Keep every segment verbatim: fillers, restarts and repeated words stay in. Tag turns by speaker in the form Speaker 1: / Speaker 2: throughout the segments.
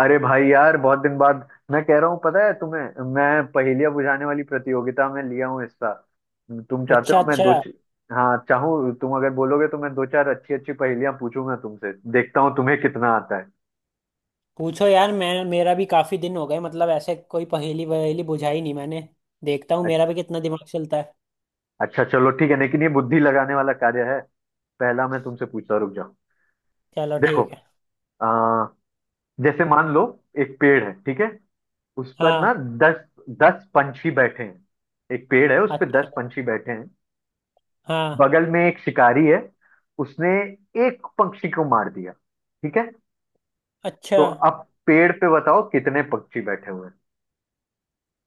Speaker 1: अरे भाई यार, बहुत दिन बाद मैं कह रहा हूँ, पता है तुम्हें। मैं पहेलियां बुझाने वाली प्रतियोगिता में लिया हूँ हिस्सा। तुम चाहते
Speaker 2: अच्छा,
Speaker 1: हो मैं दो
Speaker 2: अच्छा।
Speaker 1: च... हाँ चाहूँ, तुम अगर बोलोगे तो मैं दो चार अच्छी अच्छी पहेलियां पूछूंगा तुमसे, देखता हूँ तुम्हें कितना आता है।
Speaker 2: पूछो यार, मैं मेरा भी काफी दिन हो गए, मतलब ऐसे कोई पहेली वहेली बुझाई नहीं मैंने। देखता हूँ
Speaker 1: अ-
Speaker 2: मेरा भी कितना दिमाग चलता है।
Speaker 1: अच्छा चलो ठीक है, लेकिन ये बुद्धि लगाने वाला कार्य है। पहला मैं तुमसे पूछता हूं, रुक जाओ।
Speaker 2: चलो
Speaker 1: देखो,
Speaker 2: ठीक है।
Speaker 1: आ, जैसे मान लो एक पेड़ है, ठीक है। उस पर ना
Speaker 2: हाँ।
Speaker 1: दस, दस पंछी बैठे हैं। एक पेड़ है, उस पर
Speaker 2: अच्छा।
Speaker 1: दस पंछी बैठे हैं।
Speaker 2: हाँ।
Speaker 1: बगल में एक शिकारी है, उसने एक पक्षी को मार दिया, ठीक है।
Speaker 2: अच्छा।
Speaker 1: तो अब पेड़ पे बताओ कितने पक्षी बैठे हुए हैं।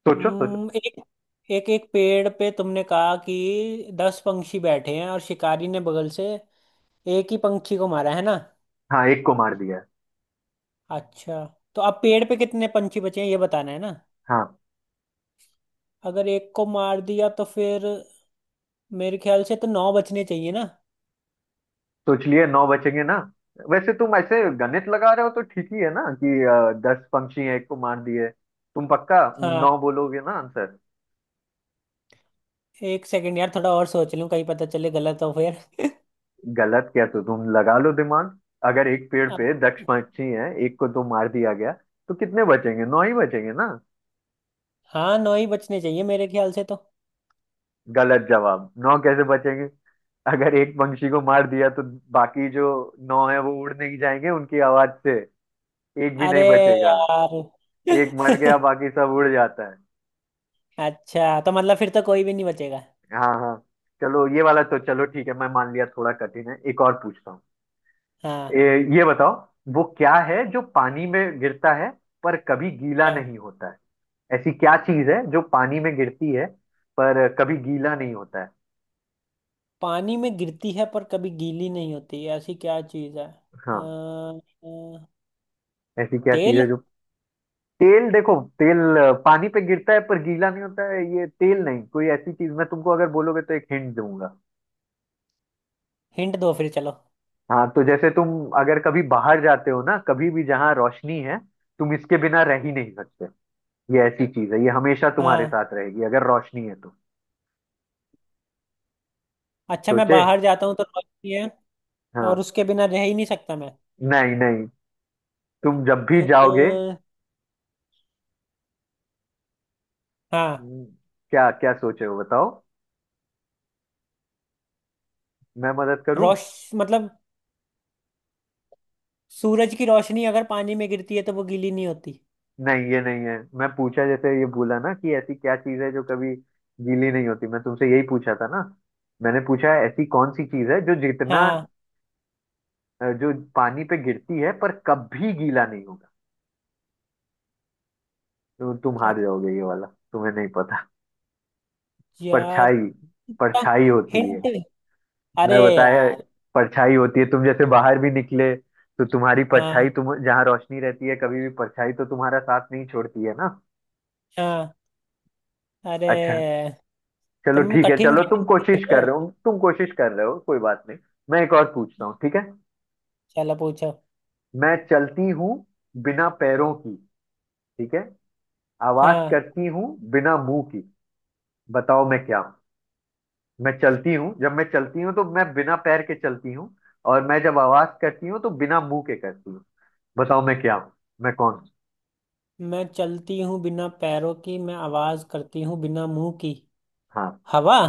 Speaker 1: सोचो सोचो।
Speaker 2: हम्म, एक एक एक पेड़ पे तुमने कहा कि दस पंछी बैठे हैं, और शिकारी ने बगल से एक ही पंछी को मारा है ना?
Speaker 1: हाँ, एक को मार दिया है।
Speaker 2: अच्छा। तो अब पेड़ पे कितने पंछी बचे हैं, ये बताना है ना?
Speaker 1: हाँ।
Speaker 2: अगर एक को मार दिया तो फिर मेरे ख्याल से तो नौ बचने चाहिए ना?
Speaker 1: सोच लिए, नौ बचेंगे ना। वैसे तुम ऐसे गणित लगा रहे हो तो ठीक ही है ना, कि अ, दस पंक्षी हैं, एक को मार दिए। तुम पक्का
Speaker 2: हाँ।
Speaker 1: नौ बोलोगे ना आंसर?
Speaker 2: एक सेकंड यार, थोड़ा और सोच लूं कहीं पता चले गलत हो फिर।
Speaker 1: गलत क्या, तो तुम लगा लो दिमाग। अगर एक पेड़
Speaker 2: अब-
Speaker 1: पे दस पंक्षी हैं, एक को तो मार दिया गया, तो कितने बचेंगे? नौ ही बचेंगे ना।
Speaker 2: हाँ, नौ ही बचने चाहिए मेरे ख्याल से तो।
Speaker 1: गलत जवाब। नौ कैसे बचेंगे? अगर एक पंछी को मार दिया तो बाकी जो नौ है वो उड़ नहीं जाएंगे उनकी आवाज से? एक भी नहीं
Speaker 2: अरे
Speaker 1: बचेगा।
Speaker 2: यार।
Speaker 1: एक मर गया, बाकी सब उड़ जाता है।
Speaker 2: अच्छा, तो मतलब फिर तो कोई भी नहीं बचेगा।
Speaker 1: हाँ हाँ। चलो ये वाला तो चलो ठीक है, मैं मान लिया, थोड़ा कठिन है। एक और पूछता हूँ।
Speaker 2: हाँ,
Speaker 1: ए, ये बताओ, वो क्या है जो पानी में गिरता है पर कभी गीला
Speaker 2: हाँ।
Speaker 1: नहीं होता है? ऐसी क्या चीज है जो पानी में गिरती है पर कभी गीला नहीं होता है?
Speaker 2: पानी में गिरती है पर कभी गीली नहीं होती, ऐसी क्या चीज है? अ,
Speaker 1: हाँ।
Speaker 2: अ,
Speaker 1: ऐसी क्या चीज
Speaker 2: तेल।
Speaker 1: है जो। तेल? देखो, तेल अ, पानी पे गिरता है पर गीला नहीं होता है, ये तेल नहीं, कोई ऐसी चीज। मैं तुमको, अगर बोलोगे, तो एक हिंट दूंगा।
Speaker 2: हिंट दो फिर चलो।
Speaker 1: हाँ, तो जैसे तुम अगर कभी बाहर जाते हो ना, कभी भी जहाँ रोशनी है, तुम इसके बिना रह ही नहीं सकते। ये ऐसी चीज है, ये हमेशा तुम्हारे
Speaker 2: हाँ।
Speaker 1: साथ रहेगी, अगर रोशनी है तो।
Speaker 2: अच्छा, मैं
Speaker 1: सोचे।
Speaker 2: बाहर जाता हूँ तो रोशनी है। और
Speaker 1: हाँ।
Speaker 2: उसके बिना रह ही नहीं सकता मैं।
Speaker 1: नहीं नहीं, तुम जब भी जाओगे।
Speaker 2: अ, हाँ।
Speaker 1: हम्म, क्या क्या सोचे हो बताओ, मैं मदद करूं?
Speaker 2: रोश मतलब सूरज की रोशनी अगर पानी में गिरती है तो वो गीली नहीं होती।
Speaker 1: नहीं ये नहीं है। मैं पूछा जैसे, ये बोला ना कि ऐसी क्या चीज है जो कभी गीली नहीं होती, मैं तुमसे यही पूछा था ना। मैंने पूछा है ऐसी कौन सी चीज है जो जितना
Speaker 2: हाँ।
Speaker 1: अ, जो पानी पे गिरती है पर कभी गीला नहीं होगा। तो तुम
Speaker 2: अच्छा।
Speaker 1: हार जाओगे ये वाला, तुम्हें नहीं पता।
Speaker 2: यार।
Speaker 1: परछाई। परछाई होती है।
Speaker 2: हिंट। अरे
Speaker 1: मैं बताया,
Speaker 2: यार।
Speaker 1: परछाई होती है। तुम जैसे बाहर भी निकले तो तुम्हारी
Speaker 2: हाँ।
Speaker 1: परछाई, तुम जहाँ रोशनी रहती है, कभी भी परछाई तो तुम्हारा साथ नहीं छोड़ती है ना।
Speaker 2: हाँ।
Speaker 1: अच्छा
Speaker 2: अरे।
Speaker 1: चलो
Speaker 2: तुम
Speaker 1: ठीक है,
Speaker 2: कठिन
Speaker 1: चलो तुम
Speaker 2: कठिन पूछ
Speaker 1: कोशिश
Speaker 2: रहे हो।
Speaker 1: कर रहे हो, तुम कोशिश कर रहे हो, कोई बात नहीं। मैं एक और पूछता हूँ, ठीक है।
Speaker 2: चलो पूछो।
Speaker 1: मैं चलती हूँ बिना पैरों की, ठीक है। आवाज
Speaker 2: हाँ।
Speaker 1: करती हूँ बिना मुंह की। बताओ मैं क्या हूँ? मैं चलती हूँ, जब मैं चलती हूँ तो मैं बिना पैर के चलती हूँ, और मैं जब आवाज करती हूँ तो बिना मुंह के करती हूँ। बताओ मैं क्या हूँ, मैं कौन हूँ?
Speaker 2: मैं चलती हूँ बिना पैरों की, मैं आवाज करती हूँ बिना मुंह की।
Speaker 1: हाँ।
Speaker 2: हवा।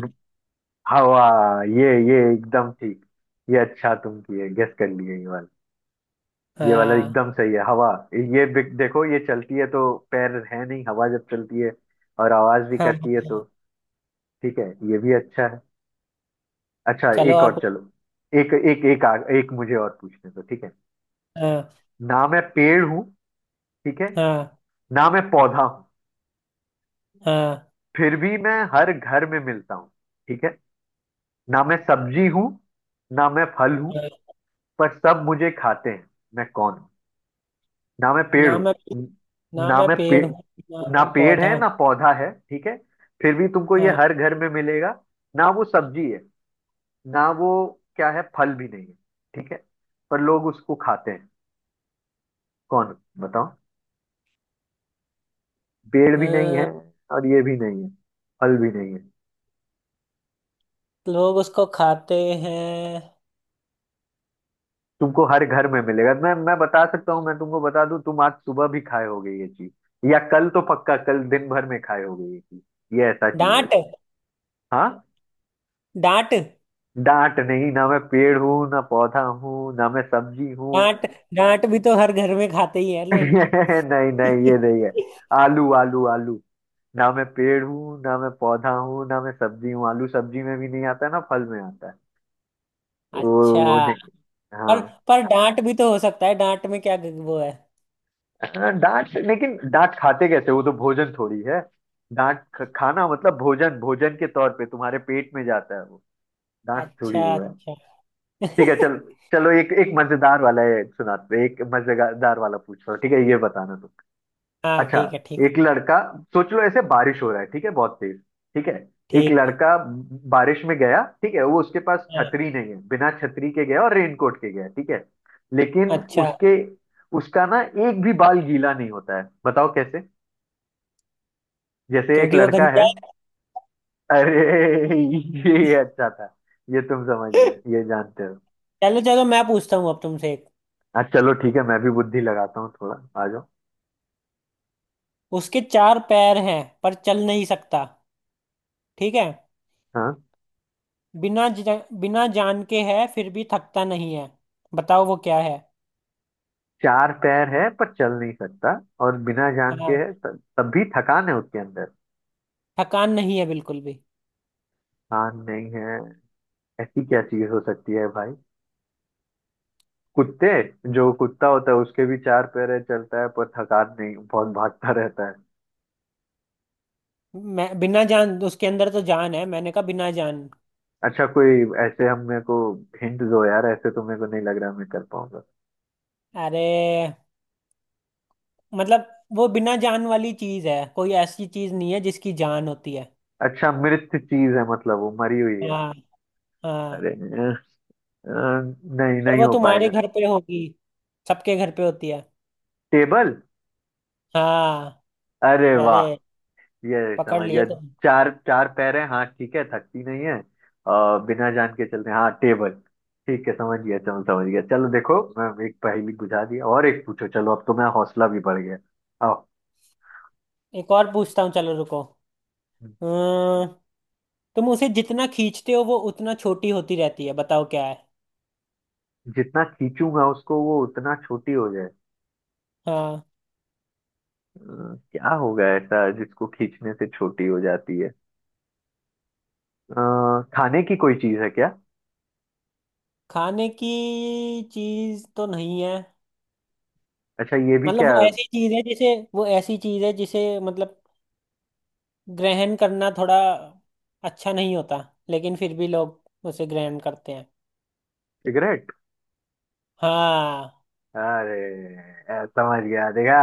Speaker 1: हवा। ये ये एकदम ठीक। ये अच्छा, तुम किए गेस कर लिए ये वाला। ये वाला
Speaker 2: हाँ।
Speaker 1: एकदम सही है, हवा। ये बिक- देखो, ये चलती है तो पैर है नहीं, हवा जब चलती है और आवाज भी
Speaker 2: हाँ।
Speaker 1: करती है तो। ठीक है, ये भी अच्छा है। अच्छा
Speaker 2: चलो
Speaker 1: एक
Speaker 2: और
Speaker 1: और
Speaker 2: पूछ-
Speaker 1: चलो। एक एक एक आ, एक मुझे और पूछने दो, ठीक है।
Speaker 2: हाँ,
Speaker 1: ना मैं पेड़ हूँ, ठीक है।
Speaker 2: हाँ,
Speaker 1: ना मैं पौधा हूँ,
Speaker 2: हाँ,
Speaker 1: फिर भी मैं हर घर में मिलता हूँ, ठीक है। ना मैं सब्जी हूँ, ना मैं फल हूँ,
Speaker 2: हाँ।
Speaker 1: पर सब मुझे खाते हैं। मैं कौन हूँ? ना मैं पेड़
Speaker 2: ना
Speaker 1: हूँ,
Speaker 2: मैं ना
Speaker 1: ना
Speaker 2: मैं
Speaker 1: मैं पे,
Speaker 2: पेड़ हूँ ना
Speaker 1: ना
Speaker 2: मैं
Speaker 1: पेड़
Speaker 2: पौधा
Speaker 1: है
Speaker 2: हूँ।
Speaker 1: ना पौधा है, ठीक है। फिर भी तुमको ये
Speaker 2: हाँ।
Speaker 1: हर घर में मिलेगा। ना वो सब्जी है, ना वो क्या है, फल भी नहीं है, ठीक है। पर लोग उसको खाते हैं, कौन बताओ। पेड़ भी नहीं है
Speaker 2: हाँ,
Speaker 1: और ये भी नहीं है, फल भी नहीं है।
Speaker 2: लोग उसको खाते हैं।
Speaker 1: तुमको हर घर में मिलेगा। मैं मैं बता सकता हूँ, मैं तुमको बता दूं, तुम आज सुबह भी खाए होगे ये चीज, या कल तो पक्का, कल दिन भर में खाए होगे ये चीज। ये ऐसा चीज है।
Speaker 2: डांट।
Speaker 1: हाँ।
Speaker 2: डांट।
Speaker 1: डांट नहीं, ना मैं पेड़ हूँ, ना पौधा हूँ, ना मैं सब्जी हूँ।
Speaker 2: डांट। डांट भी तो हर घर में खाते ही है लोग।
Speaker 1: नहीं नहीं, ये नहीं है। आलू आलू आलू। ना मैं पेड़ हूँ, ना मैं पौधा हूँ, ना मैं सब्जी हूँ, आलू सब्जी में भी नहीं आता है ना फल में आता है, तो
Speaker 2: अच्छा।
Speaker 1: वो नहीं।
Speaker 2: पर
Speaker 1: हाँ।
Speaker 2: पर डांट भी तो हो सकता है, डांट में क्या वो है।
Speaker 1: डांट, लेकिन डांट खाते कैसे, वो तो भोजन थोड़ी है। डांट ख- खाना मतलब भोजन, भोजन के तौर पे तुम्हारे पेट में जाता है वो, डांट
Speaker 2: अच्छा,
Speaker 1: थोड़ी वो है।
Speaker 2: अच्छा।
Speaker 1: ठीक है चल। चलो, एक एक मजेदार वाला है सुनाते हैं, एक मजेदार वाला पूछ रहा हूँ, ठीक है, ये बताना तुम।
Speaker 2: हाँ,
Speaker 1: अच्छा,
Speaker 2: ठीक है, ठीक है।
Speaker 1: एक लड़का, सोच लो ऐसे बारिश हो रहा है, ठीक है, बहुत तेज, ठीक है। एक
Speaker 2: ठीक है।
Speaker 1: लड़का बारिश में गया, ठीक है, वो उसके पास
Speaker 2: हाँ,
Speaker 1: छतरी नहीं है, बिना छतरी के गया और रेनकोट के गया, ठीक है। लेकिन
Speaker 2: अच्छा।
Speaker 1: उसके, उसका ना एक भी बाल गीला नहीं होता है, बताओ कैसे? जैसे एक
Speaker 2: क्योंकि वो
Speaker 1: लड़का है।
Speaker 2: गंजा है।
Speaker 1: अरे ये अच्छा था, ये तुम समझ गए, ये जानते हो।
Speaker 2: चलो, चलो, मैं पूछता हूँ अब तुमसे एक।
Speaker 1: हाँ चलो ठीक है, मैं भी बुद्धि लगाता हूँ थोड़ा, आ जाओ।
Speaker 2: उसके चार पैर हैं पर चल नहीं सकता। ठीक है।
Speaker 1: हाँ,
Speaker 2: बिना ज, बिना जान के है फिर भी थकता नहीं है। बताओ वो क्या है।
Speaker 1: चार पैर है पर चल नहीं सकता, और बिना जान के
Speaker 2: हाँ।
Speaker 1: है, त- तब भी थकान है उसके अंदर।
Speaker 2: थकान नहीं है बिल्कुल भी।
Speaker 1: कान नहीं है, ऐसी क्या चीज हो सकती है भाई? कुत्ते, जो कुत्ता होता है उसके भी चार पैर है, चलता है, पर थकान नहीं, बहुत भागता रहता है।
Speaker 2: मैं बिना जान, उसके अंदर तो जान है, मैंने कहा बिना जान।
Speaker 1: अच्छा, कोई ऐसे हम मेरे को हिंट दो यार, ऐसे तो मेरे को नहीं लग रहा मैं कर पाऊंगा।
Speaker 2: अरे, मतलब वो बिना जान वाली चीज है, कोई ऐसी चीज नहीं है जिसकी जान होती है।
Speaker 1: अच्छा मृत चीज है, मतलब वो मरी हुई है।
Speaker 2: हाँ। हाँ।
Speaker 1: अरे अ, अ, नहीं
Speaker 2: पर
Speaker 1: नहीं
Speaker 2: वो
Speaker 1: हो
Speaker 2: तुम्हारे
Speaker 1: पाएगा।
Speaker 2: घर पे होगी, सबके घर पे होती है।
Speaker 1: टेबल?
Speaker 2: हाँ।
Speaker 1: अरे वाह,
Speaker 2: अरे।
Speaker 1: ये
Speaker 2: पकड़
Speaker 1: समझ गया।
Speaker 2: लिए तुम।
Speaker 1: चार, चार पैर है, हाँ ठीक है, थकती नहीं है, आ, बिना जान के चलते हैं। हाँ टेबल। ठीक है समझ गया, चलो समझ गया। चलो देखो, मैं एक पहेली बुझा दिया और एक पूछो, चलो अब तो मेरा हौसला भी बढ़ गया, आओ।
Speaker 2: एक और पूछता हूँ, चलो रुको। अम्म, तुम उसे जितना खींचते हो वो उतना छोटी होती रहती है, बताओ क्या है।
Speaker 1: जितना खींचूंगा उसको वो उतना छोटी हो जाए?
Speaker 2: हाँ।
Speaker 1: अ, क्या होगा ऐसा जिसको खींचने से छोटी हो जाती है? अ, खाने की कोई चीज है क्या?
Speaker 2: खाने की चीज तो नहीं है।
Speaker 1: अच्छा, ये भी
Speaker 2: मतलब
Speaker 1: क्या।
Speaker 2: वो ऐसी चीज है जिसे वो ऐसी चीज है जिसे मतलब ग्रहण करना थोड़ा अच्छा नहीं होता, लेकिन फिर भी लोग उसे ग्रहण करते हैं।
Speaker 1: सिगरेट।
Speaker 2: हाँ।
Speaker 1: अरे, अ, समझ गया, देखा,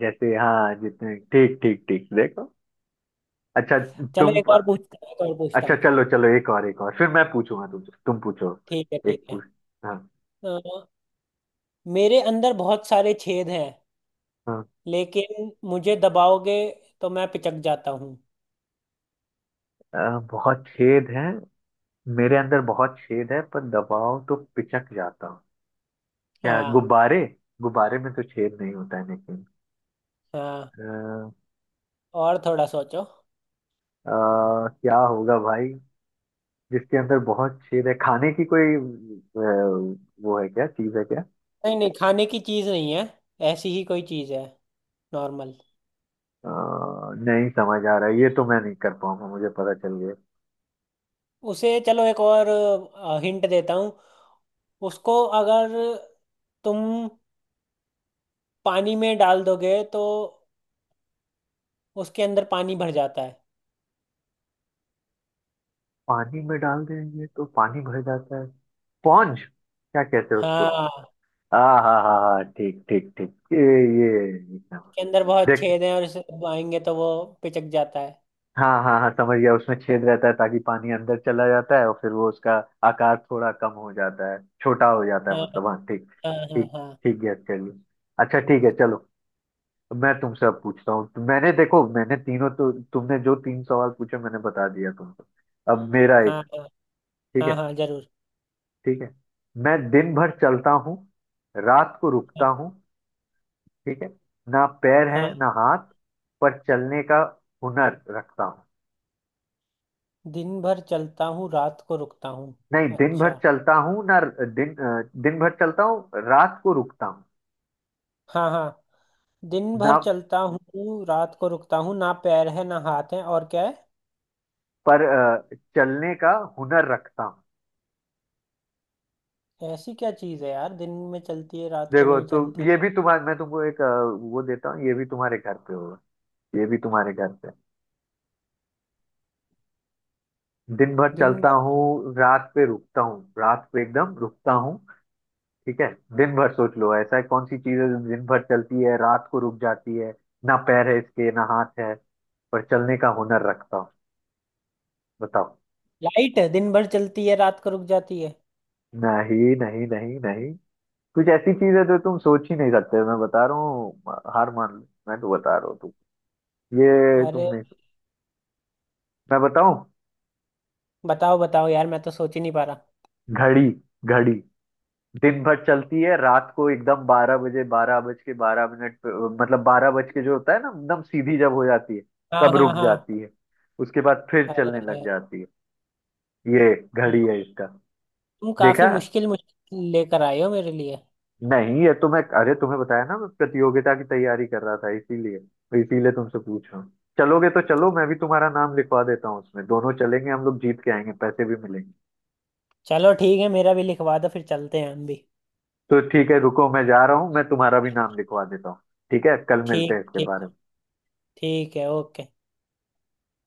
Speaker 1: जैसे हाँ, जितने ठीक ठीक ठीक, देखो। अच्छा
Speaker 2: चलो,
Speaker 1: तुम,
Speaker 2: एक और पूछता हूँ एक और पूछता
Speaker 1: अच्छा
Speaker 2: हूँ
Speaker 1: चलो चलो, एक और, एक और, फिर मैं पूछूंगा तुमसे, तुम पूछो।
Speaker 2: ठीक है, ठीक
Speaker 1: एक
Speaker 2: है।
Speaker 1: पूछ। हाँ।
Speaker 2: अ, मेरे अंदर बहुत सारे छेद हैं,
Speaker 1: हाँ,
Speaker 2: लेकिन मुझे दबाओगे तो मैं पिचक जाता हूँ।
Speaker 1: अ, बहुत छेद है, मेरे अंदर बहुत छेद है पर दबाओ तो पिचक जाता हूँ। क्या,
Speaker 2: हाँ,
Speaker 1: गुब्बारे? गुब्बारे में तो छेद नहीं होता है, लेकिन
Speaker 2: हाँ।
Speaker 1: अ,
Speaker 2: और थोड़ा सोचो।
Speaker 1: अ, क्या होगा भाई, जिसके अंदर बहुत छेद है, खाने की कोई अ, वो है क्या, चीज है क्या?
Speaker 2: नहीं, नहीं, खाने की चीज़ नहीं है, ऐसी ही कोई चीज़ है, नॉर्मल।
Speaker 1: अ, नहीं समझ आ रहा है, ये तो मैं नहीं कर पाऊंगा, मुझे पता चल।
Speaker 2: उसे चलो, एक और हिंट देता हूँ उसको, अगर तुम पानी में डाल दोगे तो उसके अंदर पानी भर जाता है।
Speaker 1: पानी में डाल देंगे तो पानी भर जाता है, स्पॉन्ज? क्या कहते हैं उसको।
Speaker 2: हाँ।
Speaker 1: हाँ हाँ हाँ हाँ, ठीक ठीक ठीक, ये ये एकदम,
Speaker 2: के अंदर बहुत
Speaker 1: देख।
Speaker 2: छेद है और इसे दबाएंगे तो वो पिचक जाता है।
Speaker 1: हाँ हाँ हाँ समझ गया, उसमें छेद रहता है ताकि पानी अंदर चला जाता है, और फिर वो उसका आकार थोड़ा कम हो जाता है, छोटा हो जाता
Speaker 2: हाँ,
Speaker 1: है मतलब, हाँ ठीक।
Speaker 2: हाँ, हाँ।
Speaker 1: ठीक
Speaker 2: हाँ।
Speaker 1: ठीक, गेस कर लिया। अच्छा ठीक है चलो, मैं तुमसे अब पूछता हूँ। तो मैंने देखो, मैंने तीनों, तो तुमने जो तीन सवाल पूछे, मैंने बता दिया तुमको। अब मेरा
Speaker 2: हाँ
Speaker 1: एक,
Speaker 2: हाँ
Speaker 1: ठीक
Speaker 2: हाँ
Speaker 1: है।
Speaker 2: हाँ जरूर।
Speaker 1: ठीक है मैं दिन भर चलता हूँ, रात को रुकता हूँ, ठीक है। ना पैर है
Speaker 2: हाँ।
Speaker 1: ना हाथ, पर चलने का हुनर रखता हूँ।
Speaker 2: दिन भर चलता हूँ, रात को रुकता हूँ।
Speaker 1: नहीं, दिन भर
Speaker 2: अच्छा।
Speaker 1: चलता हूँ ना। दिन अ, दिन भर चलता हूँ, रात को रुकता हूँ।
Speaker 2: हाँ, हाँ। दिन भर
Speaker 1: ना,
Speaker 2: चलता हूँ रात को रुकता हूँ, ना पैर है ना हाथ है, और क्या
Speaker 1: पर अ, चलने का हुनर रखता हूँ।
Speaker 2: है? ऐसी क्या चीज़ है यार, दिन में चलती है रात को
Speaker 1: देखो
Speaker 2: नहीं
Speaker 1: तो,
Speaker 2: चलती?
Speaker 1: ये भी तुम्हारे, मैं तुमको एक अ, वो देता हूँ। ये भी तुम्हारे घर पे होगा, ये भी तुम्हारे घर पे। दिन भर
Speaker 2: दिन
Speaker 1: चलता
Speaker 2: भर।
Speaker 1: हूँ, रात पे रुकता हूँ, रात पे एकदम रुकता हूँ, ठीक है। दिन भर, सोच लो, ऐसा कौन सी चीज है जो दिन भर चलती है, रात को रुक जाती है। ना पैर है इसके ना हाथ है, पर चलने का हुनर रखता हूँ। बताओ।
Speaker 2: लाइट दिन भर चलती है रात को रुक जाती है।
Speaker 1: नहीं नहीं नहीं नहीं, कुछ ऐसी चीज है जो तुम सोच ही नहीं सकते, मैं बता रहा हूँ। हार मान लो, मैं तो बता रहा हूँ, तुम ये तुम
Speaker 2: अरे।
Speaker 1: नहीं, मैं बताऊं?
Speaker 2: बताओ, बताओ यार, मैं तो सोच ही नहीं पा रहा।
Speaker 1: घड़ी। घड़ी दिन भर चलती है, रात को एकदम बारह बजे, बारह बज के बारह मिनट पे, मतलब बारह बज के जो होता है ना, एकदम सीधी जब हो जाती है,
Speaker 2: हाँ,
Speaker 1: तब
Speaker 2: हाँ,
Speaker 1: रुक
Speaker 2: हाँ।
Speaker 1: जाती है। उसके बाद फिर चलने
Speaker 2: अरे,
Speaker 1: लग जाती है। ये
Speaker 2: तुम
Speaker 1: घड़ी है इसका। देखा,
Speaker 2: काफी मुश्किल मुश्किल लेकर आए हो मेरे लिए।
Speaker 1: नहीं ये तुम्हें, अरे तुम्हें बताया ना मैं प्रतियोगिता की तैयारी कर रहा था इसीलिए, इसीलिए तुमसे पूछ रहा हूँ। चलोगे तो चलो, मैं भी तुम्हारा नाम लिखवा देता हूँ उसमें, दोनों चलेंगे हम लोग, जीत के आएंगे, पैसे भी मिलेंगे।
Speaker 2: चलो ठीक है, मेरा भी लिखवा दो फिर चलते हैं हम भी।
Speaker 1: तो ठीक है, रुको मैं जा रहा हूँ, मैं तुम्हारा भी नाम लिखवा देता हूँ। ठीक है, कल मिलते
Speaker 2: ठीक,
Speaker 1: हैं इसके
Speaker 2: ठीक है।
Speaker 1: बारे में।
Speaker 2: ठीक है, ओके।